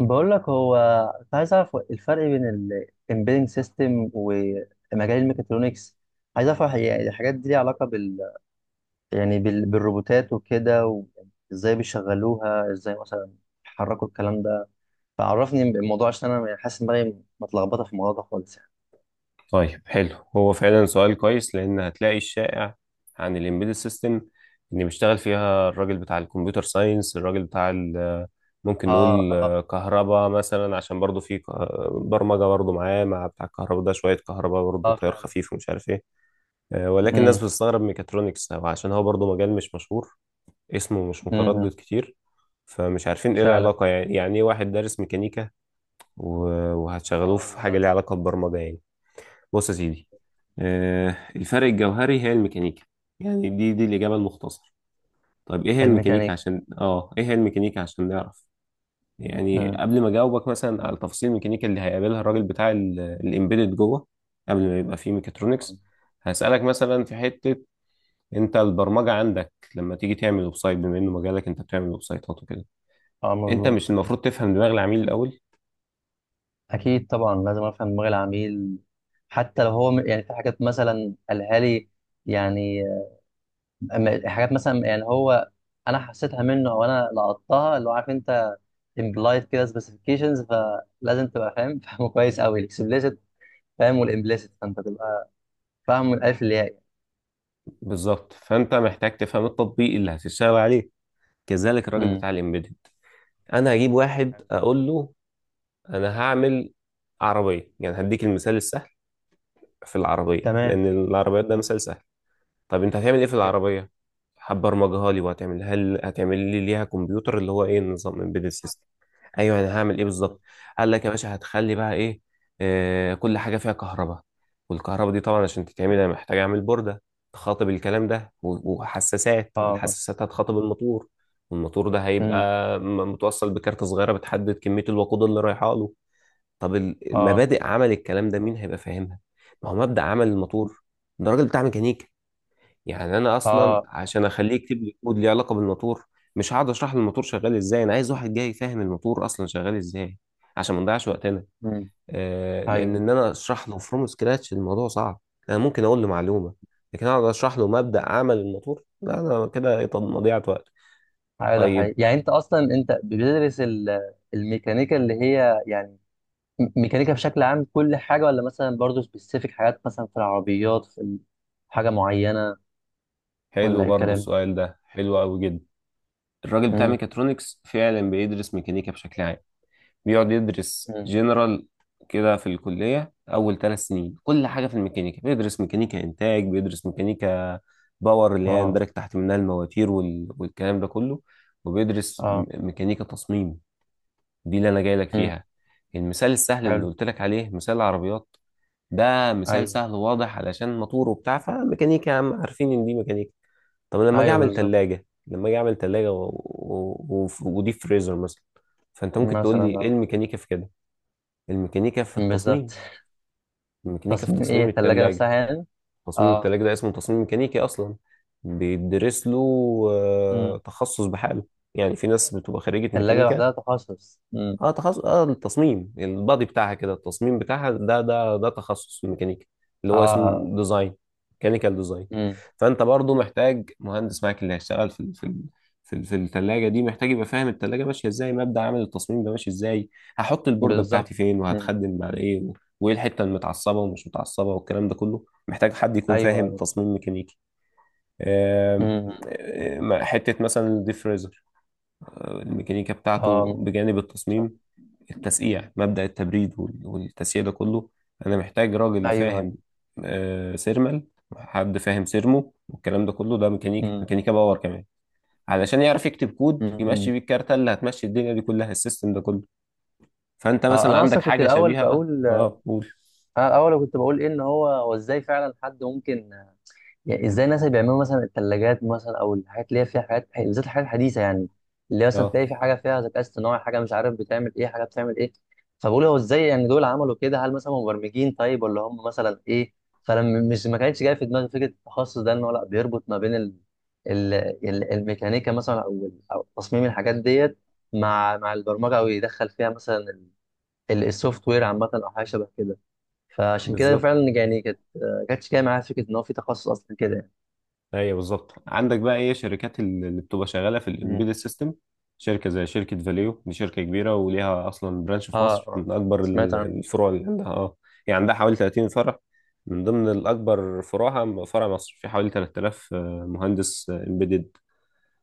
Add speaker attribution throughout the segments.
Speaker 1: بقول لك، هو كنت عايز اعرف الفرق بين الامبيدنج سيستم ومجال الميكاترونكس. عايز اعرف، يعني الحاجات دي ليها علاقه يعني بالروبوتات وكده. وازاي بيشغلوها، ازاي مثلا بيحركوا الكلام ده؟ فعرفني الموضوع، عشان انا يعني حاسس ان دماغي متلخبطه في الموضوع ده خالص، يعني.
Speaker 2: طيب حلو هو فعلا سؤال كويس لان هتلاقي الشائع عن الامبيدد سيستم ان بيشتغل فيها الراجل بتاع الكمبيوتر ساينس الراجل بتاع ممكن نقول
Speaker 1: اه،
Speaker 2: كهرباء مثلا عشان برضه في برمجه برضه معاه مع بتاع الكهرباء ده شويه كهرباء برضه
Speaker 1: اه،
Speaker 2: تيار
Speaker 1: فعلا. اه، فعلا.
Speaker 2: خفيف ومش عارف ايه. ولكن الناس
Speaker 1: امم.
Speaker 2: بتستغرب ميكاترونكس أو عشان هو برضه مجال مش مشهور، اسمه مش متردد
Speaker 1: امم.
Speaker 2: كتير، فمش عارفين ايه
Speaker 1: فعلا.
Speaker 2: العلاقه، يعني ايه واحد دارس ميكانيكا وهتشغلوه
Speaker 1: اه،
Speaker 2: في حاجه
Speaker 1: بالظبط.
Speaker 2: ليها علاقه ببرمجه يعني. بص يا سيدي، الفرق الجوهري هي الميكانيكا، يعني دي الإجابة المختصرة. طيب إيه هي الميكانيكا
Speaker 1: الميكانيك.
Speaker 2: عشان إيه هي الميكانيكا عشان نعرف. يعني
Speaker 1: امم.
Speaker 2: قبل ما أجاوبك مثلا على تفاصيل الميكانيكا اللي هيقابلها الراجل بتاع الإمبيدد جوه، قبل ما يبقى فيه
Speaker 1: اه.
Speaker 2: ميكاترونكس، هسألك مثلا في حتة. أنت البرمجة عندك لما تيجي تعمل ويب سايت، بما إنه مجالك أنت بتعمل ويب سايتات وكده،
Speaker 1: اه. آه،
Speaker 2: أنت
Speaker 1: مظبوط.
Speaker 2: مش المفروض تفهم دماغ العميل الأول؟
Speaker 1: اكيد طبعا، لازم افهم دماغ العميل. حتى لو هو يعني في حاجات مثلا قالها لي، يعني. حاجات مثلا، يعني هو انا حسيتها منه او انا لقطتها، اللي هو عارف انت، امبلايد كده سبيسيفيكيشنز. فلازم تبقى فاهم فاهمه كويس قوي الاكسبليسيت، فاهم، والامبليسيت، فانت تبقى فاهم من الالف للياء.
Speaker 2: بالظبط، فأنت محتاج تفهم التطبيق اللي هتشتغل عليه. كذلك الراجل
Speaker 1: امم.
Speaker 2: بتاع الإمبيدد. انا هجيب واحد
Speaker 1: حلو.
Speaker 2: اقول له انا هعمل عربيه، يعني هديك المثال السهل في العربيه
Speaker 1: تمام.
Speaker 2: لان العربيات ده
Speaker 1: مم.
Speaker 2: مثال سهل. طب انت هتعمل ايه في
Speaker 1: جامد.
Speaker 2: العربية؟ هتبرمجها لي وهتعمل، هل هتعمل لي ليها كمبيوتر اللي هو ايه، نظام امبيدد سيستم؟ ايوه، انا هعمل ايه
Speaker 1: مم.
Speaker 2: بالظبط؟ قال لك يا باشا هتخلي بقى ايه، آه، كل حاجة فيها كهرباء، والكهرباء دي طبعا عشان تتعمل انا محتاج اعمل بوردة تخاطب الكلام ده وحساسات،
Speaker 1: اه.
Speaker 2: والحساسات هتخاطب الموتور، والموتور ده
Speaker 1: مم.
Speaker 2: هيبقى متوصل بكارت صغيرة بتحدد كمية الوقود اللي رايحة له. طب
Speaker 1: اه،
Speaker 2: المبادئ عمل الكلام ده مين هيبقى فاهمها؟ ما هو مبدأ عمل الموتور ده راجل بتاع ميكانيكا. يعني انا اصلا
Speaker 1: اه.
Speaker 2: عشان اخليه يكتب لي كود ليه علاقه بالموتور، مش هقعد اشرح له الموتور شغال ازاي، انا عايز واحد جاي يفهم الموتور اصلا شغال ازاي عشان ما نضيعش وقتنا.
Speaker 1: مم.
Speaker 2: آه لان
Speaker 1: ايوه.
Speaker 2: انا اشرح له فروم سكراتش الموضوع صعب. انا ممكن اقول له معلومه، لكن اقعد اشرح له مبدأ عمل الموتور، لا انا كده طب مضيعه وقت.
Speaker 1: أيوة، ده حقيقي،
Speaker 2: طيب
Speaker 1: يعني انت اصلا انت بتدرس الميكانيكا اللي هي، يعني ميكانيكا بشكل عام، كل حاجه، ولا مثلا برضه سبيسيفيك حاجات مثلا في العربيات، في حاجه معينه،
Speaker 2: حلو
Speaker 1: ولا ايه
Speaker 2: برضو
Speaker 1: الكلام؟
Speaker 2: السؤال ده حلو قوي جدا. الراجل بتاع
Speaker 1: امم.
Speaker 2: ميكاترونكس فعلا بيدرس ميكانيكا بشكل عام، بيقعد يدرس
Speaker 1: امم.
Speaker 2: جنرال كده في الكلية. أول ثلاث سنين كل حاجة في الميكانيكا، بيدرس ميكانيكا إنتاج، بيدرس ميكانيكا باور اللي هي يندرج
Speaker 1: اه.
Speaker 2: تحت منها المواتير والكلام ده كله، وبيدرس
Speaker 1: اه.
Speaker 2: ميكانيكا تصميم. دي اللي أنا جاي لك
Speaker 1: امم.
Speaker 2: فيها. المثال السهل اللي
Speaker 1: حلو.
Speaker 2: قلت لك عليه مثال العربيات، ده مثال
Speaker 1: ايوه،
Speaker 2: سهل وواضح علشان موتور وبتاع، فميكانيكا يا عم عارفين إن دي ميكانيكا. طب لما أجي
Speaker 1: ايوه.
Speaker 2: أعمل
Speaker 1: بالظبط.
Speaker 2: تلاجة، لما أجي أعمل تلاجة ودي فريزر مثلا، فأنت ممكن تقول
Speaker 1: مثلا،
Speaker 2: لي إيه
Speaker 1: اه،
Speaker 2: الميكانيكا في كده. الميكانيكا في التصميم،
Speaker 1: بالظبط.
Speaker 2: الميكانيكا في
Speaker 1: تصميم ايه؟
Speaker 2: تصميم
Speaker 1: الثلاجه
Speaker 2: التلاجة.
Speaker 1: نفسها يعني؟
Speaker 2: تصميم
Speaker 1: اه.
Speaker 2: التلاجة ده اسمه تصميم ميكانيكي أصلا، بيدرس له
Speaker 1: امم.
Speaker 2: تخصص بحاله. يعني في ناس بتبقى خريجة
Speaker 1: الثلاجه
Speaker 2: ميكانيكا،
Speaker 1: لوحدها تخصص. امم.
Speaker 2: اه تخصص، اه التصميم البادي بتاعها كده، التصميم بتاعها ده ده تخصص في الميكانيكا اللي هو
Speaker 1: اه.
Speaker 2: اسمه ديزاين، ميكانيكال ديزاين.
Speaker 1: امم.
Speaker 2: فانت برضو محتاج مهندس معاك اللي هيشتغل في في الثلاجه دي، محتاج يبقى فاهم الثلاجه ماشيه ازاي، مبدأ عمل التصميم ده ماشي ازاي، هحط البورده
Speaker 1: بالظبط.
Speaker 2: بتاعتي فين
Speaker 1: امم.
Speaker 2: وهتخدم على ايه وايه الحته المتعصبه ومش متعصبه، والكلام ده كله محتاج حد يكون
Speaker 1: ايوه،
Speaker 2: فاهم
Speaker 1: ايوه.
Speaker 2: تصميم ميكانيكي. آم،
Speaker 1: امم.
Speaker 2: آم، حته مثلا الديفريزر، الميكانيكا بتاعته
Speaker 1: اه،
Speaker 2: بجانب
Speaker 1: صح.
Speaker 2: التصميم، التسقيع، مبدأ التبريد والتسقيع ده كله، انا محتاج راجل
Speaker 1: ايوه، أيوه.
Speaker 2: فاهم، سيرمال، حد فاهم سيرمو، والكلام ده كله ده ميكانيكا،
Speaker 1: مم.
Speaker 2: ميكانيكا باور كمان، علشان يعرف يكتب كود
Speaker 1: مم.
Speaker 2: يمشي
Speaker 1: مم.
Speaker 2: بيه الكارتة اللي هتمشي الدنيا دي كلها، السيستم ده كله. فانت
Speaker 1: آه،
Speaker 2: مثلا عندك حاجة شبيهة، اه اه قول.
Speaker 1: انا الاول كنت بقول ايه، ان هو ازاي فعلا حد ممكن، يعني ازاي الناس اللي بيعملوا مثلا الثلاجات مثلا او الحاجات، اللي هي فيها حاجات بالذات الحاجات الحديثه، يعني، اللي هي مثلا
Speaker 2: اه
Speaker 1: تلاقي في حاجه فيها ذكاء اصطناعي، حاجه مش عارف بتعمل ايه، حاجه بتعمل ايه. فبقول هو ازاي، يعني دول عملوا كده؟ هل مثلا مبرمجين، طيب، ولا هم مثلا ايه؟ فانا مش، ما كانتش جايه في دماغي فكره التخصص ده، ان هو لا بيربط ما بين ال... الميكانيكا مثلا، أو تصميم الحاجات ديت، مع البرمجه، او يدخل فيها مثلا السوفت وير عامه، او حاجه شبه كده. فعشان كده
Speaker 2: بالظبط.
Speaker 1: فعلا، يعني كانتش جايه معايا فكره ان هو في تخصص اصلا كده، يعني.
Speaker 2: ايوه بالظبط، عندك بقى ايه شركات اللي بتبقى شغاله في
Speaker 1: مم.
Speaker 2: الامبيدد سيستم، شركه زي شركه فاليو، دي شركه كبيره وليها اصلا برانش في
Speaker 1: اه،
Speaker 2: مصر،
Speaker 1: اه،
Speaker 2: من اكبر
Speaker 1: سمعت عنه.
Speaker 2: الفروع اللي عندها اه، يعني عندها حوالي 30 فرع، من ضمن الاكبر فروعها فرع مصر، في حوالي 3000 مهندس امبيدد.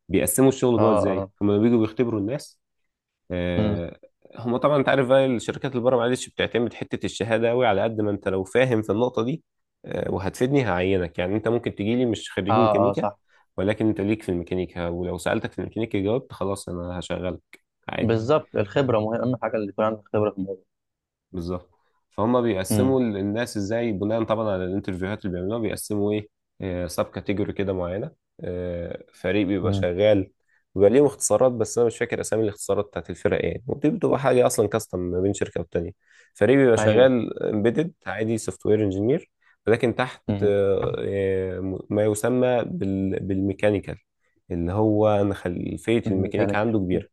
Speaker 2: بيقسموا الشغل
Speaker 1: اه،
Speaker 2: جوه ازاي،
Speaker 1: اه.
Speaker 2: هما بيجوا بيختبروا الناس،
Speaker 1: مم.
Speaker 2: آه، هما طبعا انت عارف بقى الشركات اللي بره معلش بتعتمد حته الشهاده قوي، على قد ما انت لو فاهم في النقطه دي، وهتفيدني هعينك. يعني انت ممكن تجي لي مش خريج
Speaker 1: اه، اه،
Speaker 2: ميكانيكا
Speaker 1: صح.
Speaker 2: ولكن انت ليك في الميكانيكا، ولو سالتك في الميكانيكا جاوبت، خلاص انا هشغلك عادي.
Speaker 1: بالظبط، الخبره مهم، اهم حاجه اللي يكون عندك خبره في الموضوع.
Speaker 2: بالظبط. فهم
Speaker 1: مم.
Speaker 2: بيقسموا الناس ازاي بناء طبعا على الانترفيوهات اللي بيعملوها، بيقسموا ايه سب كاتيجوري كده معينه. فريق بيبقى
Speaker 1: مم.
Speaker 2: شغال، بيبقى ليهم اختصارات بس انا مش فاكر اسامي الاختصارات بتاعت الفرق ايه، ودي بتبقى حاجه اصلا كاستم ما بين شركه والتانيه. فريق بيبقى
Speaker 1: ايوه.
Speaker 2: شغال امبيدد عادي، سوفت وير انجينير، ولكن تحت
Speaker 1: مم.
Speaker 2: ما يسمى بالميكانيكال اللي هو انا خلفيه الميكانيكا
Speaker 1: ميكانيك.
Speaker 2: عنده
Speaker 1: مم.
Speaker 2: كبيره،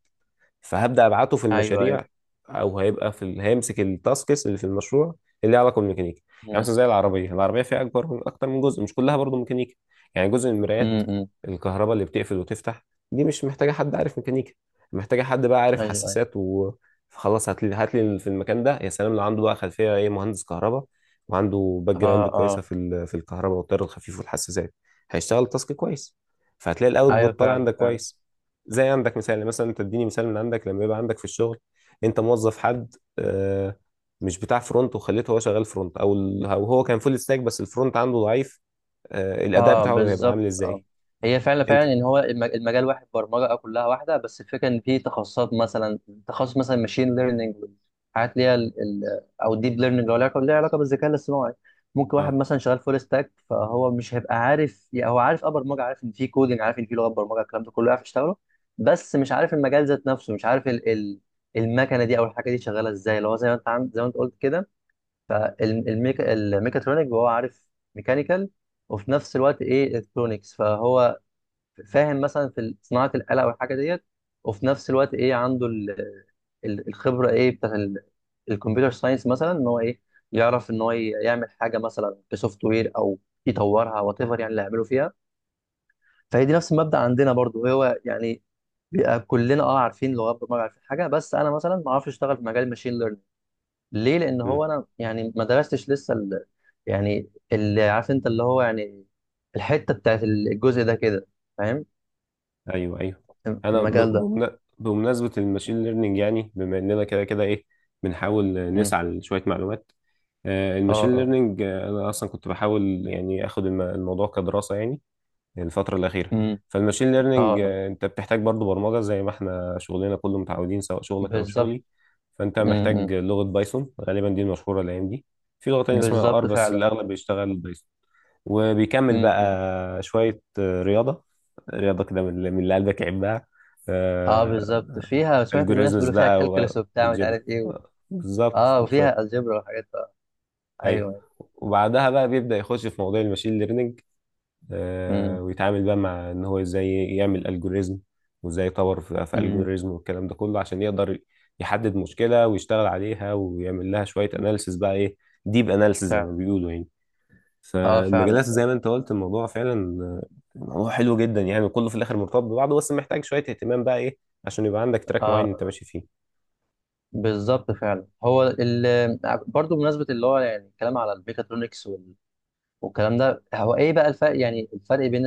Speaker 2: فهبدأ أبعته في
Speaker 1: ايوه،
Speaker 2: المشاريع،
Speaker 1: ايوه.
Speaker 2: أو هيبقى في هيمسك التاسكس اللي في المشروع اللي ليها علاقة بالميكانيكا. يعني مثلا
Speaker 1: مم.
Speaker 2: زي العربية، العربية فيها أكبر من أكتر من جزء، مش كلها برضو ميكانيكا. يعني جزء من المرايات،
Speaker 1: مم. مم.
Speaker 2: الكهرباء اللي بتقفل وتفتح، دي مش محتاجة حد عارف ميكانيكا، محتاجة حد بقى عارف
Speaker 1: ايوه، ايوه.
Speaker 2: حساسات و، فخلاص هات لي، هات لي في المكان ده يا سلام لو عنده بقى خلفية إيه، مهندس كهرباء وعنده باك
Speaker 1: اه،
Speaker 2: جراوند كويسة
Speaker 1: اه.
Speaker 2: في في الكهرباء والتيار الخفيف والحساسات، هيشتغل التاسك كويس، فهتلاقي
Speaker 1: ايوه،
Speaker 2: الاوتبوت طالع
Speaker 1: فعلا،
Speaker 2: عندك
Speaker 1: فعلا.
Speaker 2: كويس. زي عندك مثال يعني، مثلا تديني مثال من عندك، لما يبقى عندك في الشغل انت موظف حد، مش بتاع فرونت وخليته هو شغال فرونت، او هو كان فول ستاك بس الفرونت عنده ضعيف، الاداء
Speaker 1: اه،
Speaker 2: بتاعه هيبقى
Speaker 1: بالظبط.
Speaker 2: عامل
Speaker 1: اه.
Speaker 2: ازاي.
Speaker 1: هي فعلا
Speaker 2: انت
Speaker 1: فعلا، ان هو المجال واحد، برمجه، كلها واحده، بس الفكره ان في تخصصات، مثلا تخصص مثلا ماشين ليرنينج، حاجات ليها او ديب ليرنينج، اللي هو ليها علاقه بالذكاء الاصطناعي. ممكن
Speaker 2: اه.
Speaker 1: واحد مثلا شغال فول ستاك، فهو مش هيبقى عارف، يعني هو عارف برمجه، عارف ان في كودنج، عارف ان في لغه برمجه، الكلام ده كله عارف يشتغله. بس مش عارف المجال ذات نفسه، مش عارف ال ال المكنه دي او الحاجه دي شغاله ازاي، اللي هو زي ما انت قلت كده. فالميكاترونيك هو عارف ميكانيكال، وفي نفس الوقت ايه الكترونكس، فهو فاهم مثلا في صناعه الاله والحاجه ديت، وفي نفس الوقت ايه عنده الخبره، ايه، بتاع الكمبيوتر ساينس مثلا، ان هو ايه، يعرف ان هو يعمل حاجه مثلا كسوفت وير، او يطورها وات ايفر، يعني اللي هيعمله فيها. فهي دي نفس المبدا عندنا برضو، هو يعني بيبقى كلنا عارفين لغات برمجه، عارفين حاجه، بس انا مثلا ما اعرفش اشتغل في مجال الماشين. ليه؟ لان
Speaker 2: مم.
Speaker 1: هو انا يعني ما درستش لسه يعني اللي عارف انت، اللي هو يعني الحته بتاعت الجزء ده كده، فاهم.
Speaker 2: ايوه ايوه. انا
Speaker 1: المجال ده.
Speaker 2: بمناسبه الماشين ليرنينج، يعني بما اننا كده كده ايه بنحاول
Speaker 1: امم.
Speaker 2: نسعى لشويه معلومات،
Speaker 1: اه،
Speaker 2: الماشين
Speaker 1: اه.
Speaker 2: ليرنينج، انا اصلا كنت بحاول يعني اخد الموضوع كدراسه يعني الفترة الأخيرة.
Speaker 1: امم.
Speaker 2: فالماشين
Speaker 1: اه،
Speaker 2: ليرنينج،
Speaker 1: آه.
Speaker 2: أنت بتحتاج برضو برمجة زي ما احنا شغلنا كله متعودين، سواء شغلك أو
Speaker 1: بالظبط.
Speaker 2: شغلي. فأنت محتاج
Speaker 1: امم.
Speaker 2: لغة بايثون غالبا، دي المشهورة الأيام دي. في لغة تانية اسمها آر،
Speaker 1: بالظبط،
Speaker 2: بس
Speaker 1: فعلا.
Speaker 2: الأغلب بيشتغل بايثون. وبيكمل بقى
Speaker 1: امم.
Speaker 2: شوية رياضة، رياضة كده من اللي من اللي قلبك يحبها،
Speaker 1: اه، بالظبط. فيها، سمعت الناس
Speaker 2: الجوريزمز
Speaker 1: بيقولوا فيها
Speaker 2: بقى
Speaker 1: كالكولس وبتاع مش
Speaker 2: والجبر.
Speaker 1: عارف ايه
Speaker 2: بالظبط
Speaker 1: اه،
Speaker 2: بالظبط.
Speaker 1: وفيها الجبر وحاجات. آه.
Speaker 2: أيوه.
Speaker 1: ايوه.
Speaker 2: وبعدها بقى بيبدأ يخش في مواضيع الماشين ليرنينج،
Speaker 1: امم.
Speaker 2: ويتعامل بقى مع ان هو ازاي يعمل الجوريزم، وازاي يطور في
Speaker 1: امم.
Speaker 2: الجوريزم، والكلام ده كله عشان يقدر يحدد مشكلة ويشتغل عليها ويعمل لها شوية اناليسز بقى ايه، ديب اناليسز زي ما
Speaker 1: فعلا.
Speaker 2: بيقولوا يعني.
Speaker 1: اه، فعلا،
Speaker 2: فالمجالات زي
Speaker 1: فعلا.
Speaker 2: ما انت قلت، الموضوع فعلا موضوع حلو جدا يعني، كله في الاخر مرتبط ببعضه، بس محتاج شوية اهتمام بقى ايه عشان يبقى عندك
Speaker 1: اه،
Speaker 2: تراك معين انت
Speaker 1: آه.
Speaker 2: ماشي فيه.
Speaker 1: بالظبط، فعلا. هو برضه، بمناسبه اللي هو يعني الكلام على الميكاترونكس والكلام ده، هو ايه بقى الفرق، يعني الفرق بين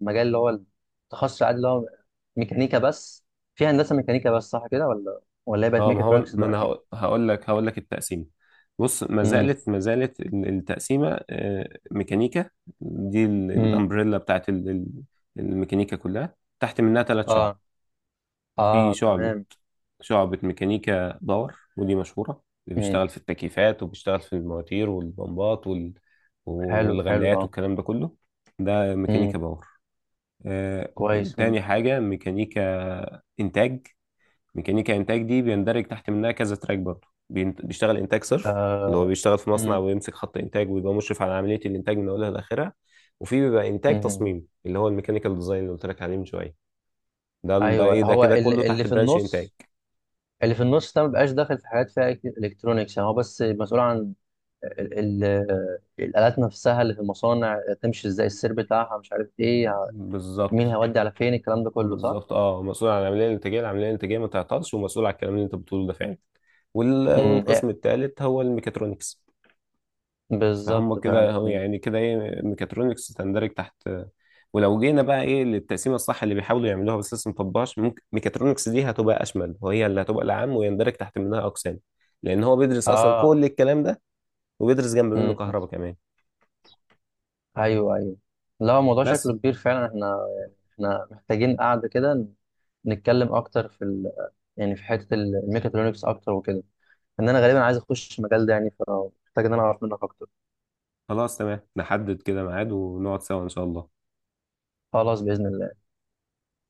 Speaker 1: المجال اللي هو التخصص العادي، اللي هو ميكانيكا بس، في هندسه ميكانيكا بس، صح كده ولا هي بقت
Speaker 2: اه ما هو،
Speaker 1: ميكاترونكس
Speaker 2: ما انا
Speaker 1: دلوقتي؟
Speaker 2: هقول لك، هقول لك التقسيمه. بص، ما
Speaker 1: امم.
Speaker 2: زالت ما زالت التقسيمه ميكانيكا، دي
Speaker 1: امم.
Speaker 2: الامبريلا بتاعت الميكانيكا كلها، تحت منها ثلاث
Speaker 1: اه.
Speaker 2: شعب. في
Speaker 1: اه،
Speaker 2: شعبه،
Speaker 1: تمام.
Speaker 2: شعبه ميكانيكا باور، ودي مشهوره، اللي
Speaker 1: امم.
Speaker 2: بيشتغل في التكييفات وبيشتغل في المواتير والبمبات
Speaker 1: حلو، حلو.
Speaker 2: والغلايات
Speaker 1: اه.
Speaker 2: والكلام ده كله، ده
Speaker 1: امم.
Speaker 2: ميكانيكا باور. آه،
Speaker 1: كويس. امم.
Speaker 2: تاني حاجه ميكانيكا انتاج. ميكانيكا انتاج دي بيندرج تحت منها كذا تراك برضه، بيشتغل انتاج صرف اللي هو
Speaker 1: آه.
Speaker 2: بيشتغل في مصنع
Speaker 1: امم.
Speaker 2: ويمسك خط انتاج ويبقى مشرف على عمليه الانتاج من اولها لاخرها، وفي بيبقى انتاج
Speaker 1: امم.
Speaker 2: تصميم اللي هو الميكانيكال ديزاين اللي قلت لك عليه من شويه. ده ال- ده
Speaker 1: ايوه،
Speaker 2: ايه ده
Speaker 1: هو
Speaker 2: كده كله
Speaker 1: اللي
Speaker 2: تحت
Speaker 1: في
Speaker 2: برانش انتاج.
Speaker 1: النص، اللي في النص ده ما بقاش داخل في حاجات فيها الكترونكس، يعني هو بس مسؤول عن ال ال الالات نفسها اللي في المصانع، تمشي ازاي؟ السير بتاعها، مش عارف ايه،
Speaker 2: بالظبط
Speaker 1: مين هيودي على فين الكلام ده كله؟ صح؟
Speaker 2: بالظبط، اه مسؤول عن العمليه الانتاجيه، العمليه الانتاجيه ما تعطلش، ومسؤول على الكلام اللي انت بتقوله ده فعلا.
Speaker 1: امم.
Speaker 2: والقسم
Speaker 1: إيه،
Speaker 2: الثالث هو الميكاترونكس، فهم
Speaker 1: بالظبط،
Speaker 2: كده
Speaker 1: فعلا.
Speaker 2: هو
Speaker 1: مم.
Speaker 2: يعني كده ايه ميكاترونكس تندرج تحت. ولو جينا بقى ايه للتقسيمه الصح اللي بيحاولوا يعملوها بس لسه مطبقهاش، ممكن ميكاترونكس دي هتبقى اشمل، وهي اللي هتبقى العام ويندرج تحت منها اقسام، لان هو بيدرس اصلا
Speaker 1: اه.
Speaker 2: كل الكلام ده، وبيدرس جنب منه
Speaker 1: امم.
Speaker 2: كهرباء كمان
Speaker 1: ايوه، ايوه. لا، هو الموضوع
Speaker 2: بس.
Speaker 1: شكله كبير فعلا. احنا محتاجين قعده كده، نتكلم اكتر في يعني في حته الميكاترونكس اكتر وكده، ان انا غالبا عايز اخش المجال ده، يعني فمحتاج ان انا اعرف منك اكتر.
Speaker 2: خلاص تمام، نحدد كده ميعاد ونقعد سوا ان شاء الله.
Speaker 1: خلاص، باذن الله.